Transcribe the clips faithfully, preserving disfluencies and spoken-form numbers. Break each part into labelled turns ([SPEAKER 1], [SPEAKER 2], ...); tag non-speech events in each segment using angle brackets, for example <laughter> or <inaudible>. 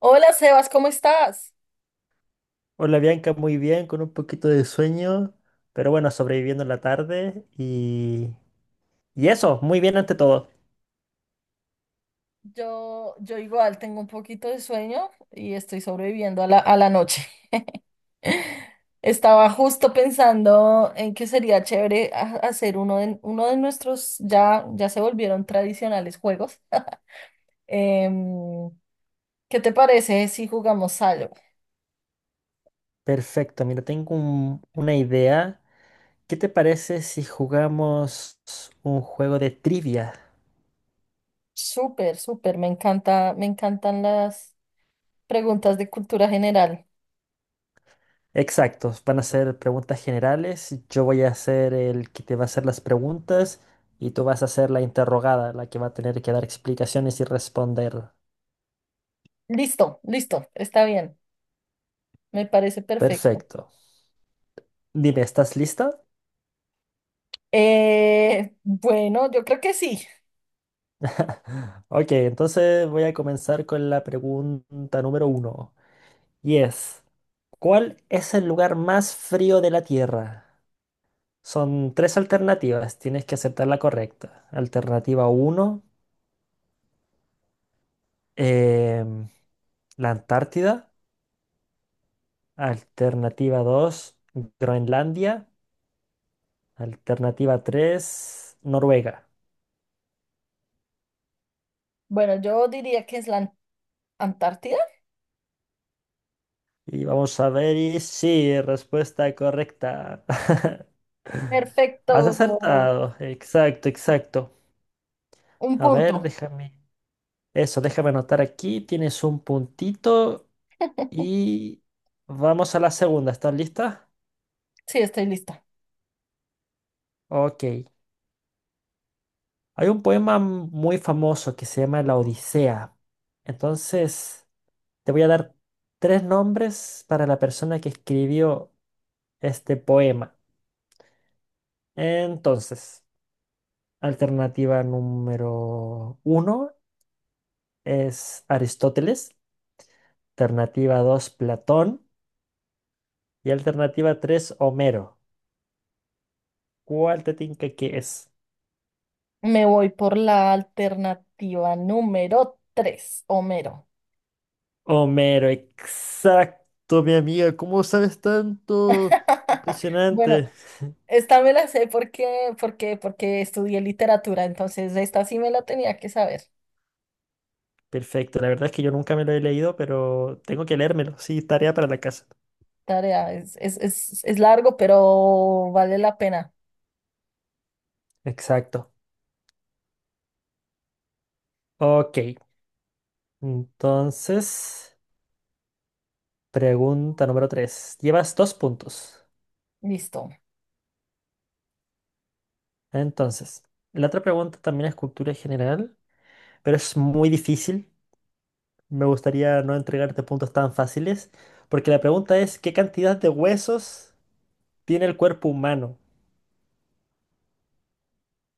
[SPEAKER 1] Hola Sebas, ¿cómo estás?
[SPEAKER 2] Hola Bianca, muy bien, con un poquito de sueño, pero bueno, sobreviviendo la tarde y, y eso, muy bien ante todo.
[SPEAKER 1] Yo, yo igual tengo un poquito de sueño y estoy sobreviviendo a la, a la noche. <laughs> Estaba justo pensando en que sería chévere ha- hacer uno de, uno de nuestros, ya, ya se volvieron tradicionales juegos. Em, ¿qué te parece si jugamos algo?
[SPEAKER 2] Perfecto, mira, tengo un- una idea. ¿Qué te parece si jugamos un juego de trivia?
[SPEAKER 1] Súper, súper, me encanta, me encantan las preguntas de cultura general.
[SPEAKER 2] Exacto, van a ser preguntas generales, yo voy a ser el que te va a hacer las preguntas y tú vas a ser la interrogada, la que va a tener que dar explicaciones y responder.
[SPEAKER 1] Listo, listo, está bien, me parece perfecto.
[SPEAKER 2] Perfecto. Dime, ¿estás lista?
[SPEAKER 1] Eh, bueno, yo creo que sí.
[SPEAKER 2] <laughs> Ok, entonces voy a comenzar con la pregunta número uno. Y es, ¿cuál es el lugar más frío de la Tierra? Son tres alternativas, tienes que aceptar la correcta. Alternativa uno, la Antártida. Alternativa dos, Groenlandia. Alternativa tres, Noruega.
[SPEAKER 1] Bueno, yo diría que es la An- Antártida.
[SPEAKER 2] Y vamos a ver y sí, respuesta correcta. <laughs>
[SPEAKER 1] Perfecto.
[SPEAKER 2] Has acertado. Exacto, exacto.
[SPEAKER 1] Un
[SPEAKER 2] A ver,
[SPEAKER 1] punto.
[SPEAKER 2] déjame. Eso, déjame anotar aquí. Tienes un puntito y vamos a la segunda. ¿Estás lista?
[SPEAKER 1] Sí, estoy lista.
[SPEAKER 2] Ok. Hay un poema muy famoso que se llama La Odisea. Entonces, te voy a dar tres nombres para la persona que escribió este poema. Entonces, alternativa número uno es Aristóteles, alternativa dos, Platón y alternativa tres, Homero. ¿Cuál te tinca que es?
[SPEAKER 1] Me voy por la alternativa número tres, Homero.
[SPEAKER 2] Homero, exacto, mi amiga. ¿Cómo sabes tanto?
[SPEAKER 1] <laughs> Bueno,
[SPEAKER 2] Impresionante.
[SPEAKER 1] esta me la sé porque, porque, porque estudié literatura, entonces esta sí me la tenía que saber.
[SPEAKER 2] Perfecto. La verdad es que yo nunca me lo he leído, pero tengo que leérmelo. Sí, tarea para la casa.
[SPEAKER 1] Tarea, es, es, es, es largo, pero vale la pena.
[SPEAKER 2] Exacto. Ok. Entonces, pregunta número tres. Llevas dos puntos.
[SPEAKER 1] Listo.
[SPEAKER 2] Entonces, la otra pregunta también es cultura general, pero es muy difícil. Me gustaría no entregarte puntos tan fáciles, porque la pregunta es, ¿qué cantidad de huesos tiene el cuerpo humano?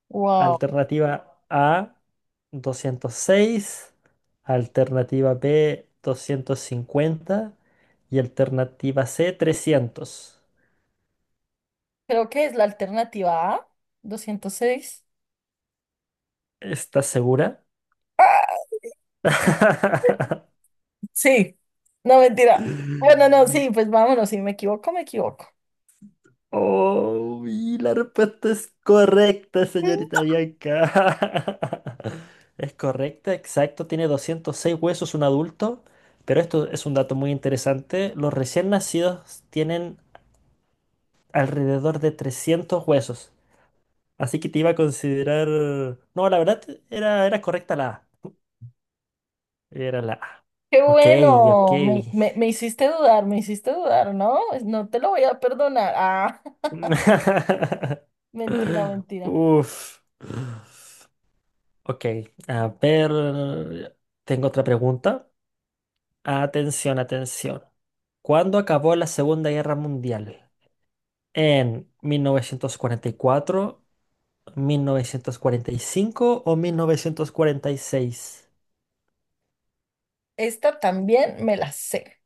[SPEAKER 1] Wow.
[SPEAKER 2] Alternativa A, doscientos seis. Alternativa B, doscientos cincuenta. Y alternativa C, trescientos.
[SPEAKER 1] Creo que es la alternativa A, doscientos seis.
[SPEAKER 2] ¿Estás segura? <laughs>
[SPEAKER 1] Sí, no mentira. Bueno, no, sí, pues vámonos, si me equivoco, me equivoco.
[SPEAKER 2] Oh, y la respuesta es correcta,
[SPEAKER 1] Mm.
[SPEAKER 2] señorita Bianca. <laughs> Es correcta, exacto. Tiene doscientos seis huesos un adulto, pero esto es un dato muy interesante. Los recién nacidos tienen alrededor de trescientos huesos. Así que te iba a considerar... No, la verdad era, era correcta la A. Era la A.
[SPEAKER 1] Qué
[SPEAKER 2] Ok, ok.
[SPEAKER 1] bueno, me, me, me hiciste dudar, me hiciste dudar, ¿no? No te lo voy a perdonar. Ah, <laughs>
[SPEAKER 2] <laughs>
[SPEAKER 1] mentira, mentira.
[SPEAKER 2] Uf. Ok, a ver. Tengo otra pregunta. Atención, atención. ¿Cuándo acabó la Segunda Guerra Mundial? ¿En mil mil novecientos novecientos cuarenta cuarenta y cuatro, mil novecientos cuarenta y cinco o mil novecientos cuarenta y seis?
[SPEAKER 1] Esta también me la sé,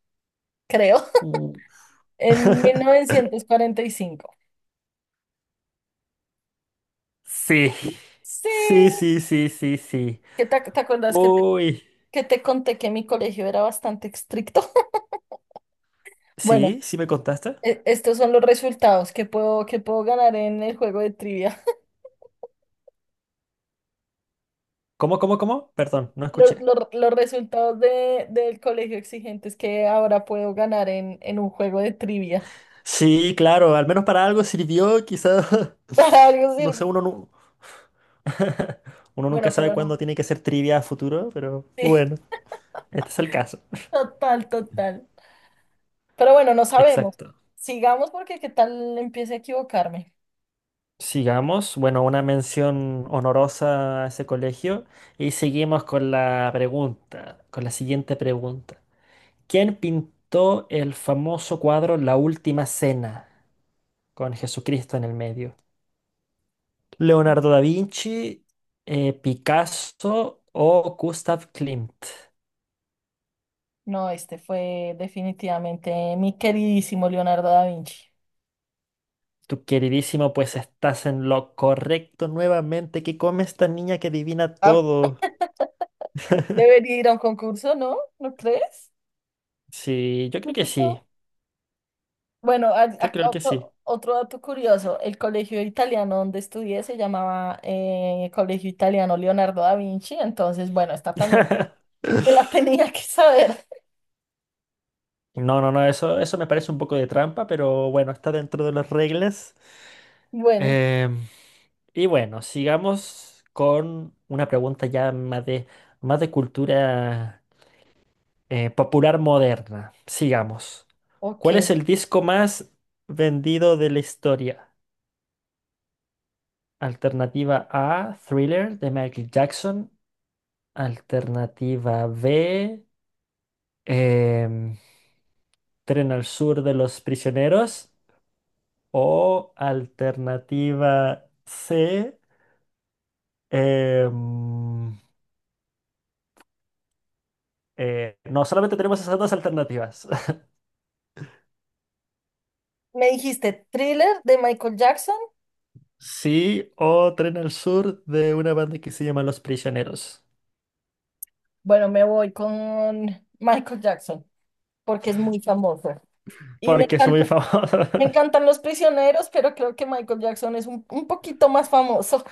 [SPEAKER 1] creo,
[SPEAKER 2] Uh.
[SPEAKER 1] en mil
[SPEAKER 2] <laughs>
[SPEAKER 1] novecientos cuarenta y cinco.
[SPEAKER 2] Sí,
[SPEAKER 1] Sí,
[SPEAKER 2] sí, sí, sí, sí, sí.
[SPEAKER 1] ¿qué te, te acuerdas que te,
[SPEAKER 2] Uy,
[SPEAKER 1] que te conté que mi colegio era bastante estricto? <laughs> Bueno,
[SPEAKER 2] sí, sí me contaste.
[SPEAKER 1] e- estos son los resultados que puedo, que puedo ganar en el juego de trivia.
[SPEAKER 2] ¿Cómo, cómo, cómo? Perdón, no
[SPEAKER 1] Los,
[SPEAKER 2] escuché.
[SPEAKER 1] los- los resultados de, del colegio exigentes que ahora puedo ganar en, en un juego de trivia.
[SPEAKER 2] Sí, claro, al menos para algo sirvió, quizás. <laughs>
[SPEAKER 1] <laughs> Para algo
[SPEAKER 2] No sé,
[SPEAKER 1] sirve.
[SPEAKER 2] uno, nu- <laughs> uno nunca
[SPEAKER 1] Bueno,
[SPEAKER 2] sabe
[SPEAKER 1] pero no.
[SPEAKER 2] cuándo tiene que ser trivia a futuro, pero
[SPEAKER 1] <laughs> Sí,
[SPEAKER 2] bueno, este es el caso.
[SPEAKER 1] total, total. Pero bueno, no sabemos.
[SPEAKER 2] Exacto.
[SPEAKER 1] Sigamos porque qué tal empiece a equivocarme.
[SPEAKER 2] Sigamos, bueno, una mención honorosa a ese colegio y seguimos con la pregunta, con la siguiente pregunta. ¿Quién pintó el famoso cuadro La Última Cena con Jesucristo en el medio? ¿Leonardo da Vinci, eh, Picasso o Gustav Klimt?
[SPEAKER 1] No, este fue definitivamente mi queridísimo Leonardo da Vinci.
[SPEAKER 2] Tu queridísimo, pues estás en lo correcto nuevamente. ¿Qué come esta niña que adivina
[SPEAKER 1] Ah,
[SPEAKER 2] todo? <laughs>
[SPEAKER 1] debería ir a un concurso, ¿no? ¿No crees?
[SPEAKER 2] Sí, yo creo que sí.
[SPEAKER 1] Bueno, a-
[SPEAKER 2] Yo
[SPEAKER 1] acá
[SPEAKER 2] creo que sí.
[SPEAKER 1] otro, otro dato curioso. El colegio italiano donde estudié se llamaba eh, Colegio Italiano Leonardo da Vinci. Entonces, bueno, está también
[SPEAKER 2] <laughs>
[SPEAKER 1] <laughs> me la tenía que saber.
[SPEAKER 2] No, no, no, eso, eso me parece un poco de trampa, pero bueno, está dentro de las reglas.
[SPEAKER 1] Bueno,
[SPEAKER 2] Em, y bueno, sigamos con una pregunta ya más de, más de, cultura eh, popular moderna. Sigamos. ¿Cuál es
[SPEAKER 1] ok.
[SPEAKER 2] el disco más vendido de la historia? Alternativa A, Thriller de Michael Jackson. Alternativa B, em, Tren al Sur de los Prisioneros. O alternativa C, em, eh, no solamente tenemos esas dos alternativas. <laughs>
[SPEAKER 1] Me dijiste Thriller de Michael Jackson.
[SPEAKER 2] Sí, o Tren al Sur de una banda que se llama Los Prisioneros.
[SPEAKER 1] Bueno, me voy con Michael Jackson porque es muy famoso. Y me
[SPEAKER 2] Porque es
[SPEAKER 1] encanta-
[SPEAKER 2] muy famosa.
[SPEAKER 1] me encantan los prisioneros, pero creo que Michael Jackson es un, un poquito más famoso.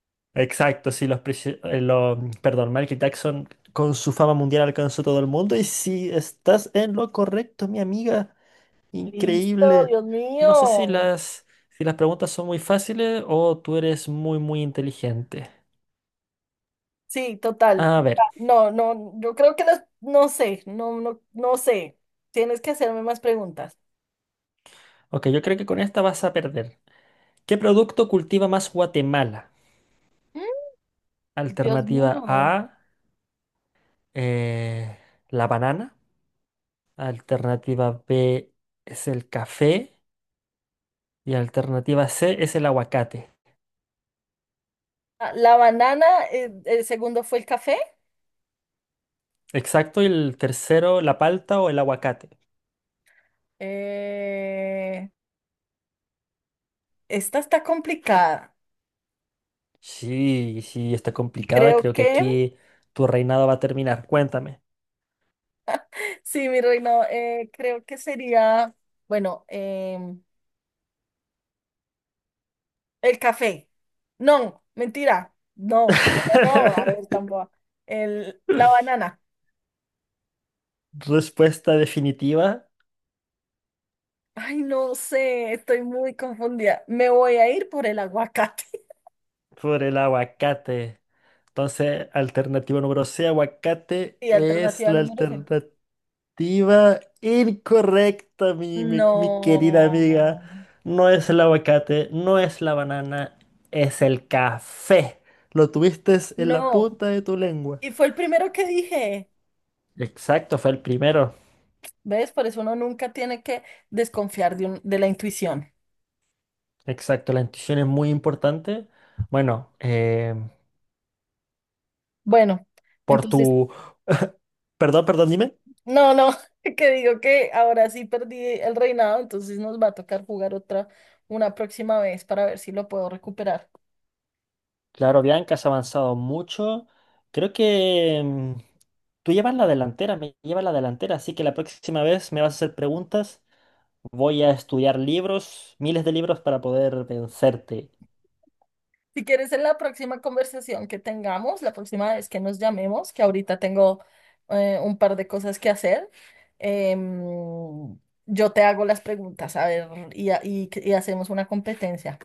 [SPEAKER 2] <laughs> Exacto, sí, los prisioneros. Perdón, Michael Jackson con su fama mundial alcanzó todo el mundo. Y si estás en lo correcto, mi amiga.
[SPEAKER 1] <laughs> Listo,
[SPEAKER 2] Increíble.
[SPEAKER 1] Dios
[SPEAKER 2] No sé si
[SPEAKER 1] mío.
[SPEAKER 2] las, si las preguntas son muy fáciles o tú eres muy, muy inteligente.
[SPEAKER 1] Sí, total.
[SPEAKER 2] A
[SPEAKER 1] Total.
[SPEAKER 2] ver,
[SPEAKER 1] No, no, yo creo que las, no sé, no, no, no sé. Tienes que hacerme más preguntas.
[SPEAKER 2] ok, yo creo que con esta vas a perder. ¿Qué producto cultiva más Guatemala?
[SPEAKER 1] Mm, Dios
[SPEAKER 2] Alternativa A,
[SPEAKER 1] mío.
[SPEAKER 2] eh, la banana. Alternativa B es el café. Y alternativa C es el aguacate.
[SPEAKER 1] Ah, la banana, eh, el segundo fue el café.
[SPEAKER 2] Exacto, y el tercero, la palta o el aguacate.
[SPEAKER 1] Eh, esta está complicada.
[SPEAKER 2] Sí, sí, está complicada.
[SPEAKER 1] Creo
[SPEAKER 2] Creo que
[SPEAKER 1] que,
[SPEAKER 2] aquí tu reinado va a terminar. Cuéntame.
[SPEAKER 1] <laughs> sí, mi reino, eh, creo que sería, bueno, em, el café. No, mentira. No, no, no, a ver,
[SPEAKER 2] <laughs>
[SPEAKER 1] tampoco. El, la banana.
[SPEAKER 2] Respuesta definitiva
[SPEAKER 1] Ay, no sé, estoy muy confundida. Me voy a ir por el aguacate. <laughs>
[SPEAKER 2] por el aguacate. Entonces, alternativa número C, aguacate,
[SPEAKER 1] Y
[SPEAKER 2] es
[SPEAKER 1] alternativa
[SPEAKER 2] la
[SPEAKER 1] número C.
[SPEAKER 2] alternativa. Respuesta incorrecta, mi, mi, mi querida amiga.
[SPEAKER 1] No,
[SPEAKER 2] No es el aguacate, no es la banana, es el café. Lo tuviste en la
[SPEAKER 1] no.
[SPEAKER 2] punta de tu lengua.
[SPEAKER 1] Y fue el primero que dije.
[SPEAKER 2] Exacto, fue el primero.
[SPEAKER 1] ¿Ves? Por eso uno nunca tiene que desconfiar de, un- de la intuición.
[SPEAKER 2] Exacto, la intuición es muy importante. Bueno, eh,
[SPEAKER 1] Bueno,
[SPEAKER 2] por
[SPEAKER 1] entonces,
[SPEAKER 2] tu... Perdón, perdón, dime.
[SPEAKER 1] no, no, <laughs> que digo que ahora sí perdí el reinado, entonces nos va a tocar jugar otra, una próxima vez para ver si lo puedo recuperar.
[SPEAKER 2] Claro, Bianca, has avanzado mucho. Creo que mm, tú llevas la delantera, me llevas la delantera, así que la próxima vez me vas a hacer preguntas. Voy a estudiar libros, miles de libros para poder vencerte.
[SPEAKER 1] Si quieres, en la próxima conversación que tengamos, la próxima vez que nos llamemos, que ahorita tengo eh, un par de cosas que hacer, em, yo te hago las preguntas, a ver, y, ha- y y hacemos una competencia.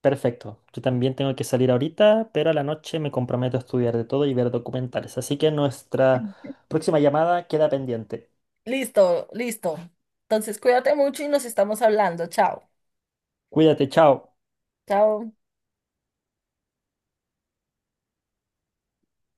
[SPEAKER 2] Perfecto. Yo también tengo que salir ahorita, pero a la noche me comprometo a estudiar de todo y ver documentales. Así que nuestra próxima llamada queda pendiente.
[SPEAKER 1] Listo, listo. Entonces, cuídate mucho y nos estamos hablando. Chao,
[SPEAKER 2] Cuídate, chao.
[SPEAKER 1] chao.